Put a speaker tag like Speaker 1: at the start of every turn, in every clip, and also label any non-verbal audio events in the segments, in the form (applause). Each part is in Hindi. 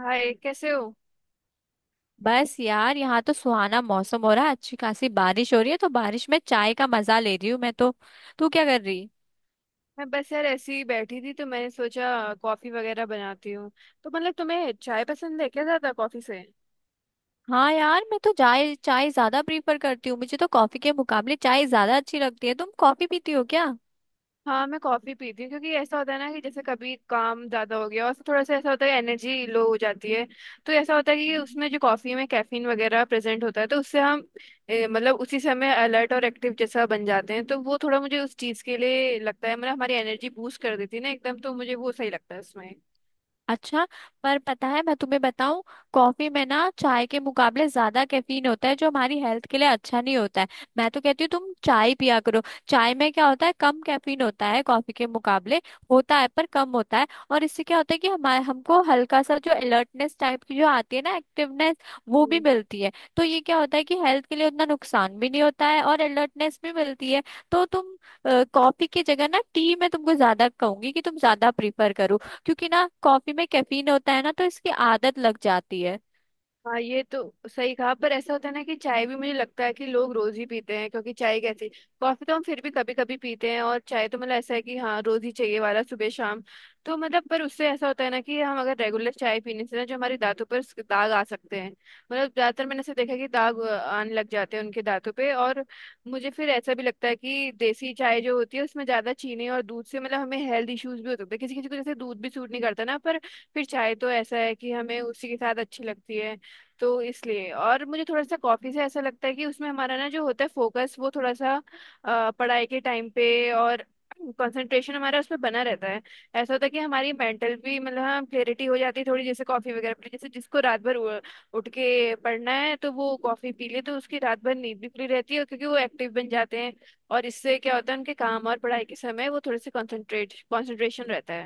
Speaker 1: हाय, कैसे हो।
Speaker 2: बस यार यहाँ तो सुहाना मौसम हो रहा है। अच्छी खासी बारिश हो रही है, तो बारिश में चाय का मजा ले रही हूँ मैं तो। तू क्या कर रही।
Speaker 1: मैं बस यार ऐसे ही बैठी थी तो मैंने सोचा कॉफी वगैरह बनाती हूँ। तो मतलब तुम्हें चाय पसंद है क्या ज्यादा कॉफी से?
Speaker 2: हाँ यार, मैं तो चाय चाय ज्यादा प्रीफर करती हूँ। मुझे तो कॉफी के मुकाबले चाय ज्यादा अच्छी लगती है। तुम कॉफी पीती हो क्या।
Speaker 1: हाँ, मैं कॉफी पीती हूँ, क्योंकि ऐसा होता है ना कि जैसे कभी काम ज्यादा हो गया और फिर थोड़ा सा ऐसा होता है, एनर्जी लो हो जाती है। तो ऐसा होता है कि उसमें जो कॉफी में कैफीन वगैरह प्रेजेंट होता है तो उससे हम मतलब उसी समय अलर्ट और एक्टिव जैसा बन जाते हैं। तो वो थोड़ा मुझे उस चीज के लिए लगता है, मतलब हमारी एनर्जी बूस्ट कर देती है ना एकदम, तो मुझे वो सही लगता है उसमें।
Speaker 2: अच्छा। पर पता है, मैं तुम्हें बताऊं, कॉफी में ना चाय के मुकाबले ज्यादा कैफीन होता है, जो हमारी हेल्थ के लिए अच्छा नहीं होता है। मैं तो कहती हूँ तुम चाय पिया करो। चाय में क्या होता है, कम कैफीन होता है कॉफी के मुकाबले। होता है पर कम होता है, और इससे क्या होता है कि हमारे हमको हल्का सा जो अलर्टनेस टाइप की जो आती है ना, एक्टिवनेस, वो भी मिलती है। तो ये क्या होता है कि हेल्थ के लिए उतना नुकसान भी नहीं होता है और अलर्टनेस भी मिलती है। तो तुम कॉफी की जगह ना टी मैं तुमको ज्यादा कहूंगी कि तुम ज्यादा प्रीफर करो। क्योंकि ना कॉफी में कैफीन होता है ना, तो इसकी आदत लग जाती है।
Speaker 1: हाँ, ये तो सही कहा, पर ऐसा होता है ना कि चाय भी मुझे लगता है कि लोग रोज ही पीते हैं, क्योंकि चाय कैसी, कॉफी तो हम फिर भी कभी कभी पीते हैं और चाय तो मतलब ऐसा है कि हाँ रोज ही चाहिए वाला सुबह शाम। तो मतलब पर उससे ऐसा होता है ना कि हम अगर रेगुलर चाय पीने से ना जो हमारे दांतों पर दाग आ सकते हैं। मतलब ज्यादातर मैंने ऐसे देखा है कि दाग आने लग जाते हैं उनके दांतों पे। और मुझे फिर ऐसा भी लगता है कि देसी चाय जो होती है उसमें ज्यादा चीनी और दूध से मतलब हमें हेल्थ इश्यूज भी हो सकते हैं किसी किसी को, जैसे दूध भी सूट नहीं करता ना, पर फिर चाय तो ऐसा है कि हमें उसी के साथ अच्छी लगती है। तो इसलिए, और मुझे थोड़ा सा कॉफी से ऐसा लगता है कि उसमें हमारा ना जो होता है फोकस, वो थोड़ा सा पढ़ाई के टाइम पे, और कंसंट्रेशन हमारा उस पर बना रहता है। ऐसा होता है कि हमारी मेंटल भी मतलब हाँ क्लियरिटी हो जाती है थोड़ी, जैसे कॉफी वगैरह पी, जैसे जिसको रात भर उठ के पढ़ना है तो वो कॉफी पी ले तो उसकी रात भर नींद भी पूरी रहती है, क्योंकि वो एक्टिव बन जाते हैं। और इससे क्या होता है, उनके काम और पढ़ाई के समय वो थोड़े से कंसंट्रेट कंसंट्रेशन रहता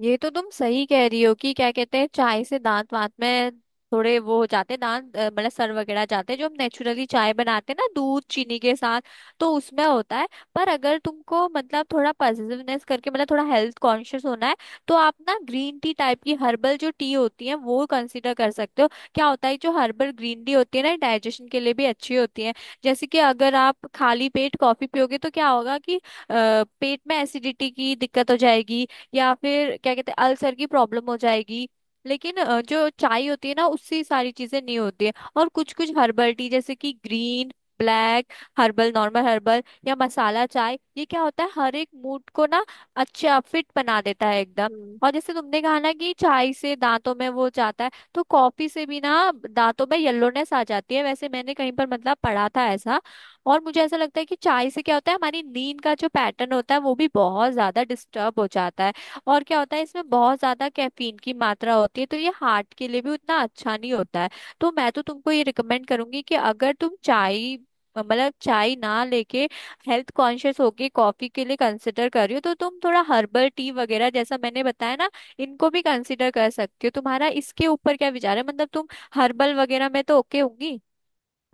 Speaker 2: ये तो तुम सही कह रही हो कि क्या कहते हैं, चाय से दांत वांत में थोड़े वो हो जाते हैं, दांत मतलब सर वगैरह जाते हैं, जो हम नेचुरली चाय बनाते हैं ना दूध चीनी के साथ, तो उसमें होता है। पर अगर तुमको मतलब थोड़ा पॉजिटिवनेस करके मतलब थोड़ा हेल्थ कॉन्शियस होना है, तो आप ना ग्रीन टी टाइप की हर्बल जो टी होती है वो कंसिडर कर सकते हो। क्या होता है, जो हर्बल ग्रीन टी होती है ना, डाइजेशन के लिए भी अच्छी होती है। जैसे कि अगर आप खाली पेट कॉफी पियोगे तो क्या होगा कि पेट में एसिडिटी की दिक्कत हो जाएगी, या फिर क्या कहते हैं अल्सर की प्रॉब्लम हो जाएगी। लेकिन जो चाय होती है ना, उससे ये सारी चीजें नहीं होती है। और कुछ कुछ हर्बल टी जैसे कि green, black, herbal, normal herbal या मसाला चाय, ये क्या होता है, हर एक मूड को ना अच्छा फिट बना देता है एकदम।
Speaker 1: है।
Speaker 2: और जैसे तुमने कहा ना कि चाय से दांतों में वो जाता है, तो कॉफी से भी ना दांतों में येलोनेस आ जाती है, वैसे मैंने कहीं पर मतलब पढ़ा था ऐसा। और मुझे ऐसा लगता है कि चाय से क्या होता है, हमारी नींद का जो पैटर्न होता है वो भी बहुत ज्यादा डिस्टर्ब हो जाता है। और क्या होता है, इसमें बहुत ज्यादा कैफीन की मात्रा होती है, तो ये हार्ट के लिए भी उतना अच्छा नहीं होता है। तो मैं तो तुमको ये रिकमेंड करूंगी कि अगर तुम चाय मतलब चाय ना लेके, हेल्थ कॉन्शियस होके कॉफी के लिए कंसिडर कर रही हो, तो तुम थोड़ा हर्बल टी वगैरह जैसा मैंने बताया ना, इनको भी कंसिडर कर सकती हो। तुम्हारा इसके ऊपर क्या विचार है, मतलब तुम हर्बल वगैरह में तो ओके होंगी।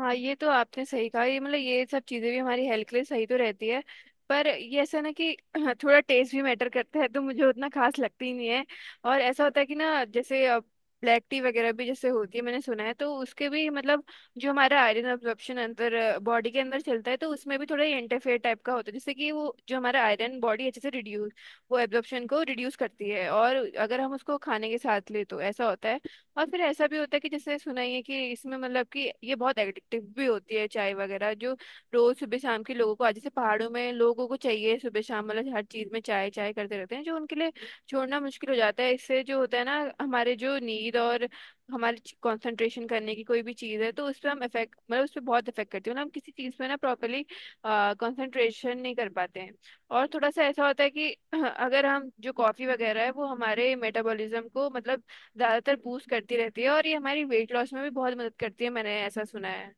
Speaker 1: हाँ, ये तो आपने सही कहा, ये मतलब ये सब चीज़ें भी हमारी हेल्थ के लिए सही तो रहती है, पर ये ऐसा ना कि (clears throat) थोड़ा टेस्ट भी मैटर करता है, तो मुझे उतना खास लगती ही नहीं है। और ऐसा होता है कि ना जैसे ब्लैक टी वगैरह भी जैसे होती है, मैंने सुना है, तो उसके भी मतलब जो हमारा आयरन अब्जॉर्प्शन अंदर, बॉडी के अंदर चलता है तो उसमें भी थोड़ा इंटरफेयर टाइप का होता है, जैसे कि वो जो हमारा आयरन बॉडी अच्छे से रिड्यूस, वो एब्जॉर्प्शन को रिड्यूस करती है, और अगर हम उसको खाने के साथ ले तो ऐसा होता है। और फिर ऐसा भी होता है कि जैसे सुना ही है कि इसमें मतलब कि ये बहुत एडिक्टिव भी होती है, चाय वगैरह जो, रोज सुबह शाम के लोगों को, आज जैसे पहाड़ों में लोगों को चाहिए सुबह शाम, मतलब हर चीज में चाय चाय करते रहते हैं, जो उनके लिए छोड़ना मुश्किल हो जाता है। इससे जो होता है ना हमारे जो नींद और हमारे कंसंट्रेशन करने की कोई भी चीज है तो उस पर हम इफेक्ट मतलब उस पर बहुत इफेक्ट करती है, मतलब हम किसी चीज पे ना प्रॉपरली कंसंट्रेशन नहीं कर पाते हैं। और थोड़ा सा ऐसा होता है कि (clears throat) अगर हम, जो कॉफी वगैरह है, वो हमारे मेटाबॉलिज्म को मतलब ज्यादातर बूस्ट करती रहती है, और ये हमारी वेट लॉस में भी बहुत मदद करती है, मैंने ऐसा सुना है।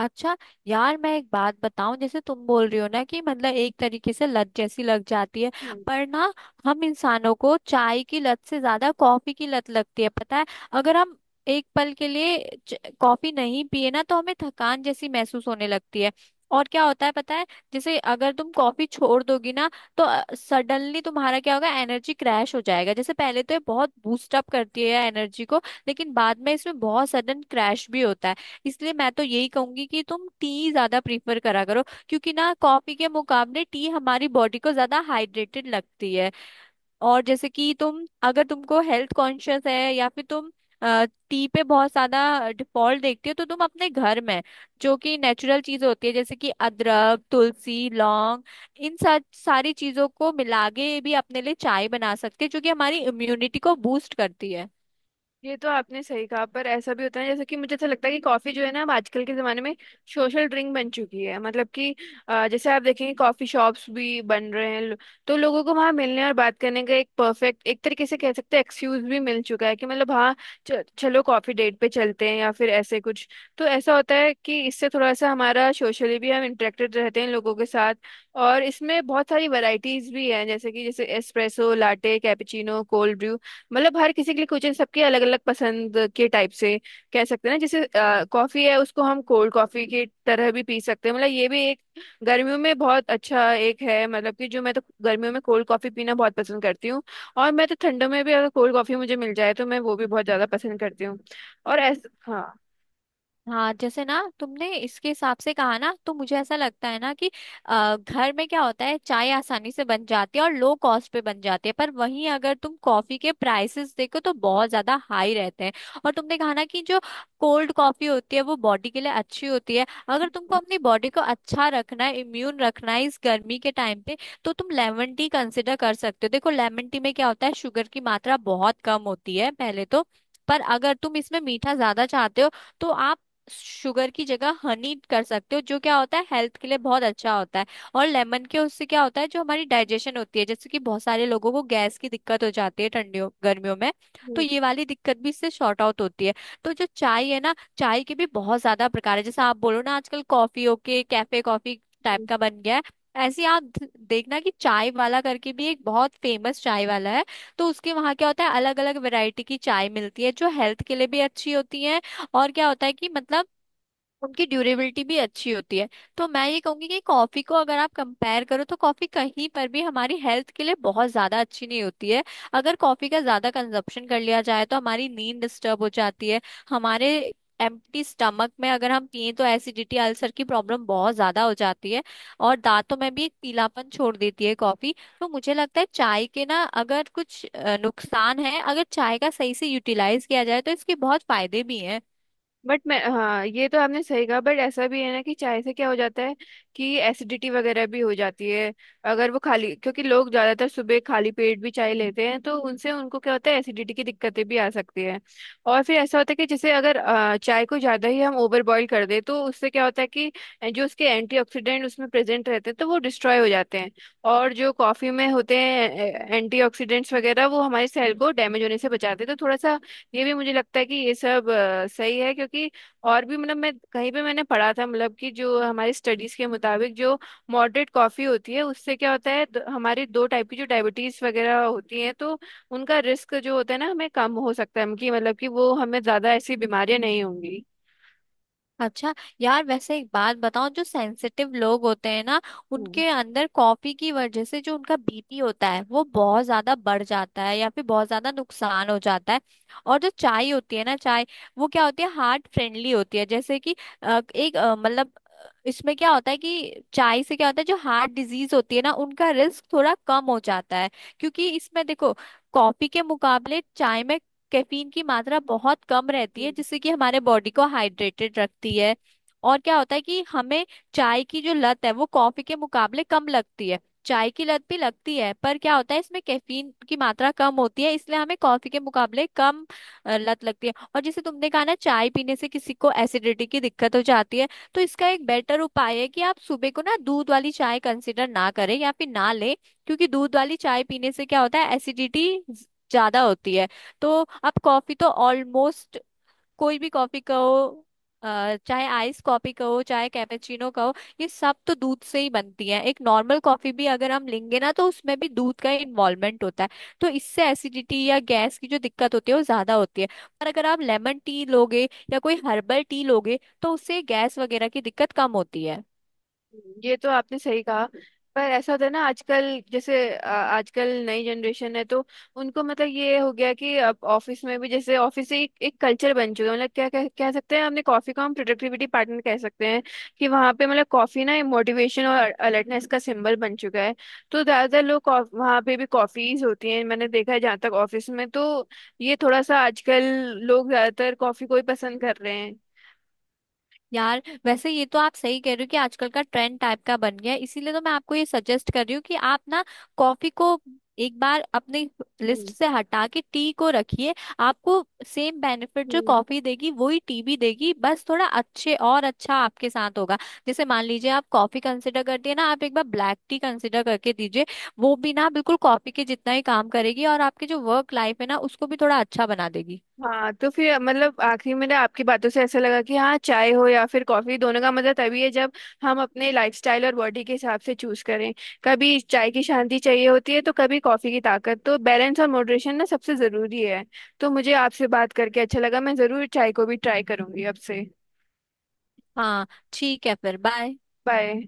Speaker 2: अच्छा। यार, मैं एक बात बताऊं, जैसे तुम बोल रही हो ना कि मतलब एक तरीके से लत जैसी लग जाती है,
Speaker 1: हम्म
Speaker 2: पर ना हम इंसानों को चाय की लत से ज्यादा कॉफी की लत लगती है पता है। अगर हम एक पल के लिए कॉफी नहीं पिए ना, तो हमें थकान जैसी महसूस होने लगती है। और क्या होता है पता है, जैसे अगर तुम कॉफी छोड़ दोगी ना, तो सडनली तुम्हारा क्या होगा, एनर्जी क्रैश हो जाएगा। जैसे पहले तो ये बहुत बूस्ट अप करती है एनर्जी को, लेकिन बाद में इसमें बहुत सडन क्रैश भी होता है। इसलिए मैं तो यही कहूंगी कि तुम टी ज्यादा प्रीफर करा करो। क्योंकि ना कॉफी के मुकाबले टी हमारी बॉडी को ज्यादा हाइड्रेटेड लगती है। और जैसे कि तुम, अगर तुमको हेल्थ कॉन्शियस है या फिर तुम टी पे बहुत ज्यादा डिफॉल्ट देखती हो, तो तुम अपने घर में जो कि नेचुरल चीज होती है जैसे कि अदरक, तुलसी, लौंग, इन सब सारी चीजों को मिला के भी अपने लिए चाय बना सकते हैं, जो कि हमारी इम्यूनिटी को बूस्ट करती है।
Speaker 1: ये तो आपने सही कहा, पर ऐसा भी होता है, जैसे कि मुझे ऐसा लगता है कि कॉफी जो है ना अब आजकल के जमाने में सोशल ड्रिंक बन चुकी है, मतलब कि जैसे आप देखेंगे कॉफी शॉप्स भी बन रहे हैं तो लोगों को वहां मिलने और बात करने का एक परफेक्ट, एक तरीके से कह सकते हैं एक्सक्यूज भी मिल चुका है कि मतलब हाँ चलो कॉफी डेट पे चलते हैं या फिर ऐसे कुछ। तो ऐसा होता है कि इससे थोड़ा सा हमारा सोशली भी हम इंटरेक्टेड रहते हैं लोगों के साथ। और इसमें बहुत सारी वैरायटीज भी हैं, जैसे कि जैसे espresso, latte, cappuccino, cold brew, मतलब हर किसी के लिए कोचिंग सबके अलग अलग पसंद के टाइप से कह सकते हैं ना, जैसे कॉफी है उसको हम कोल्ड कॉफी की तरह भी पी सकते हैं, मतलब ये भी एक गर्मियों में बहुत अच्छा एक है, मतलब कि जो मैं तो गर्मियों में कोल्ड कॉफी पीना बहुत पसंद करती हूँ। और मैं तो ठंडों में भी अगर कोल्ड कॉफी मुझे मिल जाए तो मैं वो भी बहुत ज्यादा पसंद करती हूँ। और ऐसा हाँ।
Speaker 2: हाँ, जैसे ना तुमने इसके हिसाब से कहा ना, तो मुझे ऐसा लगता है ना कि घर में क्या होता है, चाय आसानी से बन जाती है और लो कॉस्ट पे बन जाती है। पर वहीं अगर तुम कॉफी के प्राइसेस देखो तो बहुत ज्यादा हाई रहते हैं। और तुमने कहा ना कि जो कोल्ड कॉफी होती है वो बॉडी के लिए अच्छी होती है, अगर तुमको अपनी बॉडी को अच्छा रखना है, इम्यून रखना है इस गर्मी के टाइम पे, तो तुम लेमन टी कंसिडर कर सकते हो। देखो लेमन टी में क्या होता है, शुगर की मात्रा बहुत कम होती है पहले तो। पर अगर तुम इसमें मीठा ज्यादा चाहते हो, तो आप शुगर की जगह हनी कर सकते हो, जो क्या होता है हेल्थ के लिए बहुत अच्छा होता है। और लेमन के उससे क्या होता है, जो हमारी डाइजेशन होती है, जैसे कि बहुत सारे लोगों को गैस की दिक्कत हो जाती है ठंडियों गर्मियों में, तो ये वाली दिक्कत भी इससे शॉर्ट आउट होती है। तो जो चाय है ना, चाय के भी बहुत ज्यादा प्रकार है। जैसे आप बोलो ना आजकल कॉफी के कैफे, कॉफी टाइप का बन गया है, ऐसे ही आप देखना कि चाय वाला करके भी एक बहुत फेमस चाय वाला है। तो उसके वहाँ क्या होता है, अलग अलग वैरायटी की चाय मिलती है जो हेल्थ के लिए भी अच्छी होती है। और क्या होता है कि मतलब उनकी ड्यूरेबिलिटी भी अच्छी होती है। तो मैं ये कहूंगी कि कॉफी को अगर आप कंपेयर करो, तो कॉफी कहीं पर भी हमारी हेल्थ के लिए बहुत ज्यादा अच्छी नहीं होती है। अगर कॉफी का ज्यादा कंजप्शन कर लिया जाए तो हमारी नींद डिस्टर्ब हो जाती है, हमारे एम्प्टी स्टमक में अगर हम पिए तो एसिडिटी, अल्सर की प्रॉब्लम बहुत ज्यादा हो जाती है, और दांतों में भी एक पीलापन छोड़ देती है कॉफी। तो मुझे लगता है चाय के ना अगर कुछ नुकसान है, अगर चाय का सही से यूटिलाइज किया जाए तो इसके बहुत फायदे भी हैं।
Speaker 1: बट मैं हाँ ये तो आपने सही कहा, बट ऐसा भी है ना कि चाय से क्या हो जाता है कि एसिडिटी वगैरह भी हो जाती है, अगर वो खाली, क्योंकि लोग ज्यादातर सुबह खाली पेट भी चाय लेते हैं तो उनसे उनको क्या होता है एसिडिटी की दिक्कतें भी आ सकती है। और फिर ऐसा होता है कि जैसे अगर चाय को ज्यादा ही हम ओवर बॉईल कर दें तो उससे क्या होता है कि जो उसके एंटीऑक्सीडेंट उसमें प्रेजेंट रहते हैं तो वो डिस्ट्रॉय हो जाते हैं। और जो कॉफी में होते हैं एंटीऑक्सीडेंट्स वगैरह वो हमारे सेल को डैमेज होने से बचाते हैं, तो थोड़ा सा ये भी मुझे लगता है कि ये सब सही है। क्योंकि और भी मतलब मैं कहीं पे मैंने पढ़ा था, मतलब कि जो हमारी स्टडीज के मुताबिक जो मॉडरेट कॉफी होती है उससे क्या होता है हमारी दो टाइप की जो डायबिटीज वगैरह होती हैं तो उनका रिस्क जो होता है ना हमें कम हो सकता है कि मतलब कि वो हमें ज्यादा ऐसी बीमारियां नहीं होंगी।
Speaker 2: अच्छा। यार वैसे एक बात बताओ, जो सेंसिटिव लोग होते हैं ना, उनके अंदर कॉफी की वजह से जो उनका बीपी होता है वो बहुत ज्यादा बढ़ जाता है, या फिर बहुत ज्यादा नुकसान हो जाता है। और जो चाय होती है ना, चाय वो क्या होती है, हार्ट फ्रेंडली होती है। जैसे कि मतलब इसमें क्या होता है कि चाय से क्या होता है, जो हार्ट डिजीज होती है ना, उनका रिस्क थोड़ा कम हो जाता है। क्योंकि इसमें देखो, कॉफी के मुकाबले चाय में कैफीन की मात्रा बहुत कम रहती है,
Speaker 1: हम्म
Speaker 2: जिससे कि हमारे बॉडी को हाइड्रेटेड रखती है। और क्या होता है कि हमें चाय की जो लत है वो कॉफी के मुकाबले कम लगती है। चाय की लत भी लगती है, पर क्या होता है, इसमें कैफीन की मात्रा कम होती है, इसलिए हमें कॉफी के मुकाबले कम लत लगती है। और जैसे तुमने कहा ना, चाय पीने से किसी को एसिडिटी की दिक्कत हो जाती है, तो इसका एक बेटर उपाय है कि आप सुबह को ना दूध वाली चाय कंसिडर ना करें या फिर ना लें। क्योंकि दूध वाली चाय पीने से क्या होता है, एसिडिटी ज्यादा होती है। तो आप कॉफी तो ऑलमोस्ट, कोई भी कॉफी कहो, चाहे आइस कॉफी कहो, चाहे कैपेचिनो कहो, ये सब तो दूध से ही बनती है। एक नॉर्मल कॉफी भी अगर हम लेंगे ना, तो उसमें भी दूध का इन्वॉल्वमेंट होता है, तो इससे एसिडिटी या गैस की जो दिक्कत होती है वो ज्यादा होती है। पर अगर आप लेमन टी लोगे या कोई हर्बल टी लोगे, तो उससे गैस वगैरह की दिक्कत कम होती है।
Speaker 1: ये तो आपने सही कहा, पर ऐसा होता है ना आजकल जैसे, आजकल नई जनरेशन है तो उनको मतलब ये हो गया कि अब ऑफिस में भी, जैसे ऑफिस से एक कल्चर बन चुका है, मतलब क्या कह सकते हैं हमने, कॉफी को हम प्रोडक्टिविटी पार्टनर कह सकते हैं कि वहाँ पे मतलब कॉफी ना मोटिवेशन और अलर्टनेस का सिंबल बन चुका है। तो ज्यादातर लोग वहाँ पे भी कॉफीज होती हैं मैंने देखा है जहाँ तक ऑफिस में, तो ये थोड़ा सा आजकल लोग ज्यादातर कॉफी को ही पसंद कर रहे हैं।
Speaker 2: यार वैसे ये तो आप सही कह रहे हो कि आजकल का ट्रेंड टाइप का बन गया है, इसीलिए तो मैं आपको ये सजेस्ट कर रही हूँ कि आप ना कॉफी को एक बार अपनी लिस्ट
Speaker 1: हम्म।
Speaker 2: से हटा के टी को रखिए। आपको सेम बेनिफिट जो
Speaker 1: हम्म।
Speaker 2: कॉफी देगी वही टी भी देगी, बस थोड़ा अच्छे और अच्छा आपके साथ होगा। जैसे मान लीजिए आप कॉफी कंसिडर करती है ना, आप एक बार ब्लैक टी कंसिडर करके दीजिए। वो भी ना बिल्कुल कॉफी के जितना ही काम करेगी, और आपकी जो वर्क लाइफ है ना उसको भी थोड़ा अच्छा बना देगी।
Speaker 1: हाँ, तो फिर मतलब आखिरी में ना आपकी बातों से ऐसा लगा कि हाँ चाय हो या फिर कॉफी, दोनों का मजा तभी है जब हम अपने लाइफस्टाइल और बॉडी के हिसाब से चूज करें। कभी चाय की शांति चाहिए होती है तो कभी कॉफी की ताकत, तो बैलेंस और मॉडरेशन ना सबसे जरूरी है। तो मुझे आपसे बात करके अच्छा लगा, मैं जरूर चाय को भी ट्राई करूंगी अब से।
Speaker 2: हाँ, ठीक है, फिर बाय।
Speaker 1: बाय।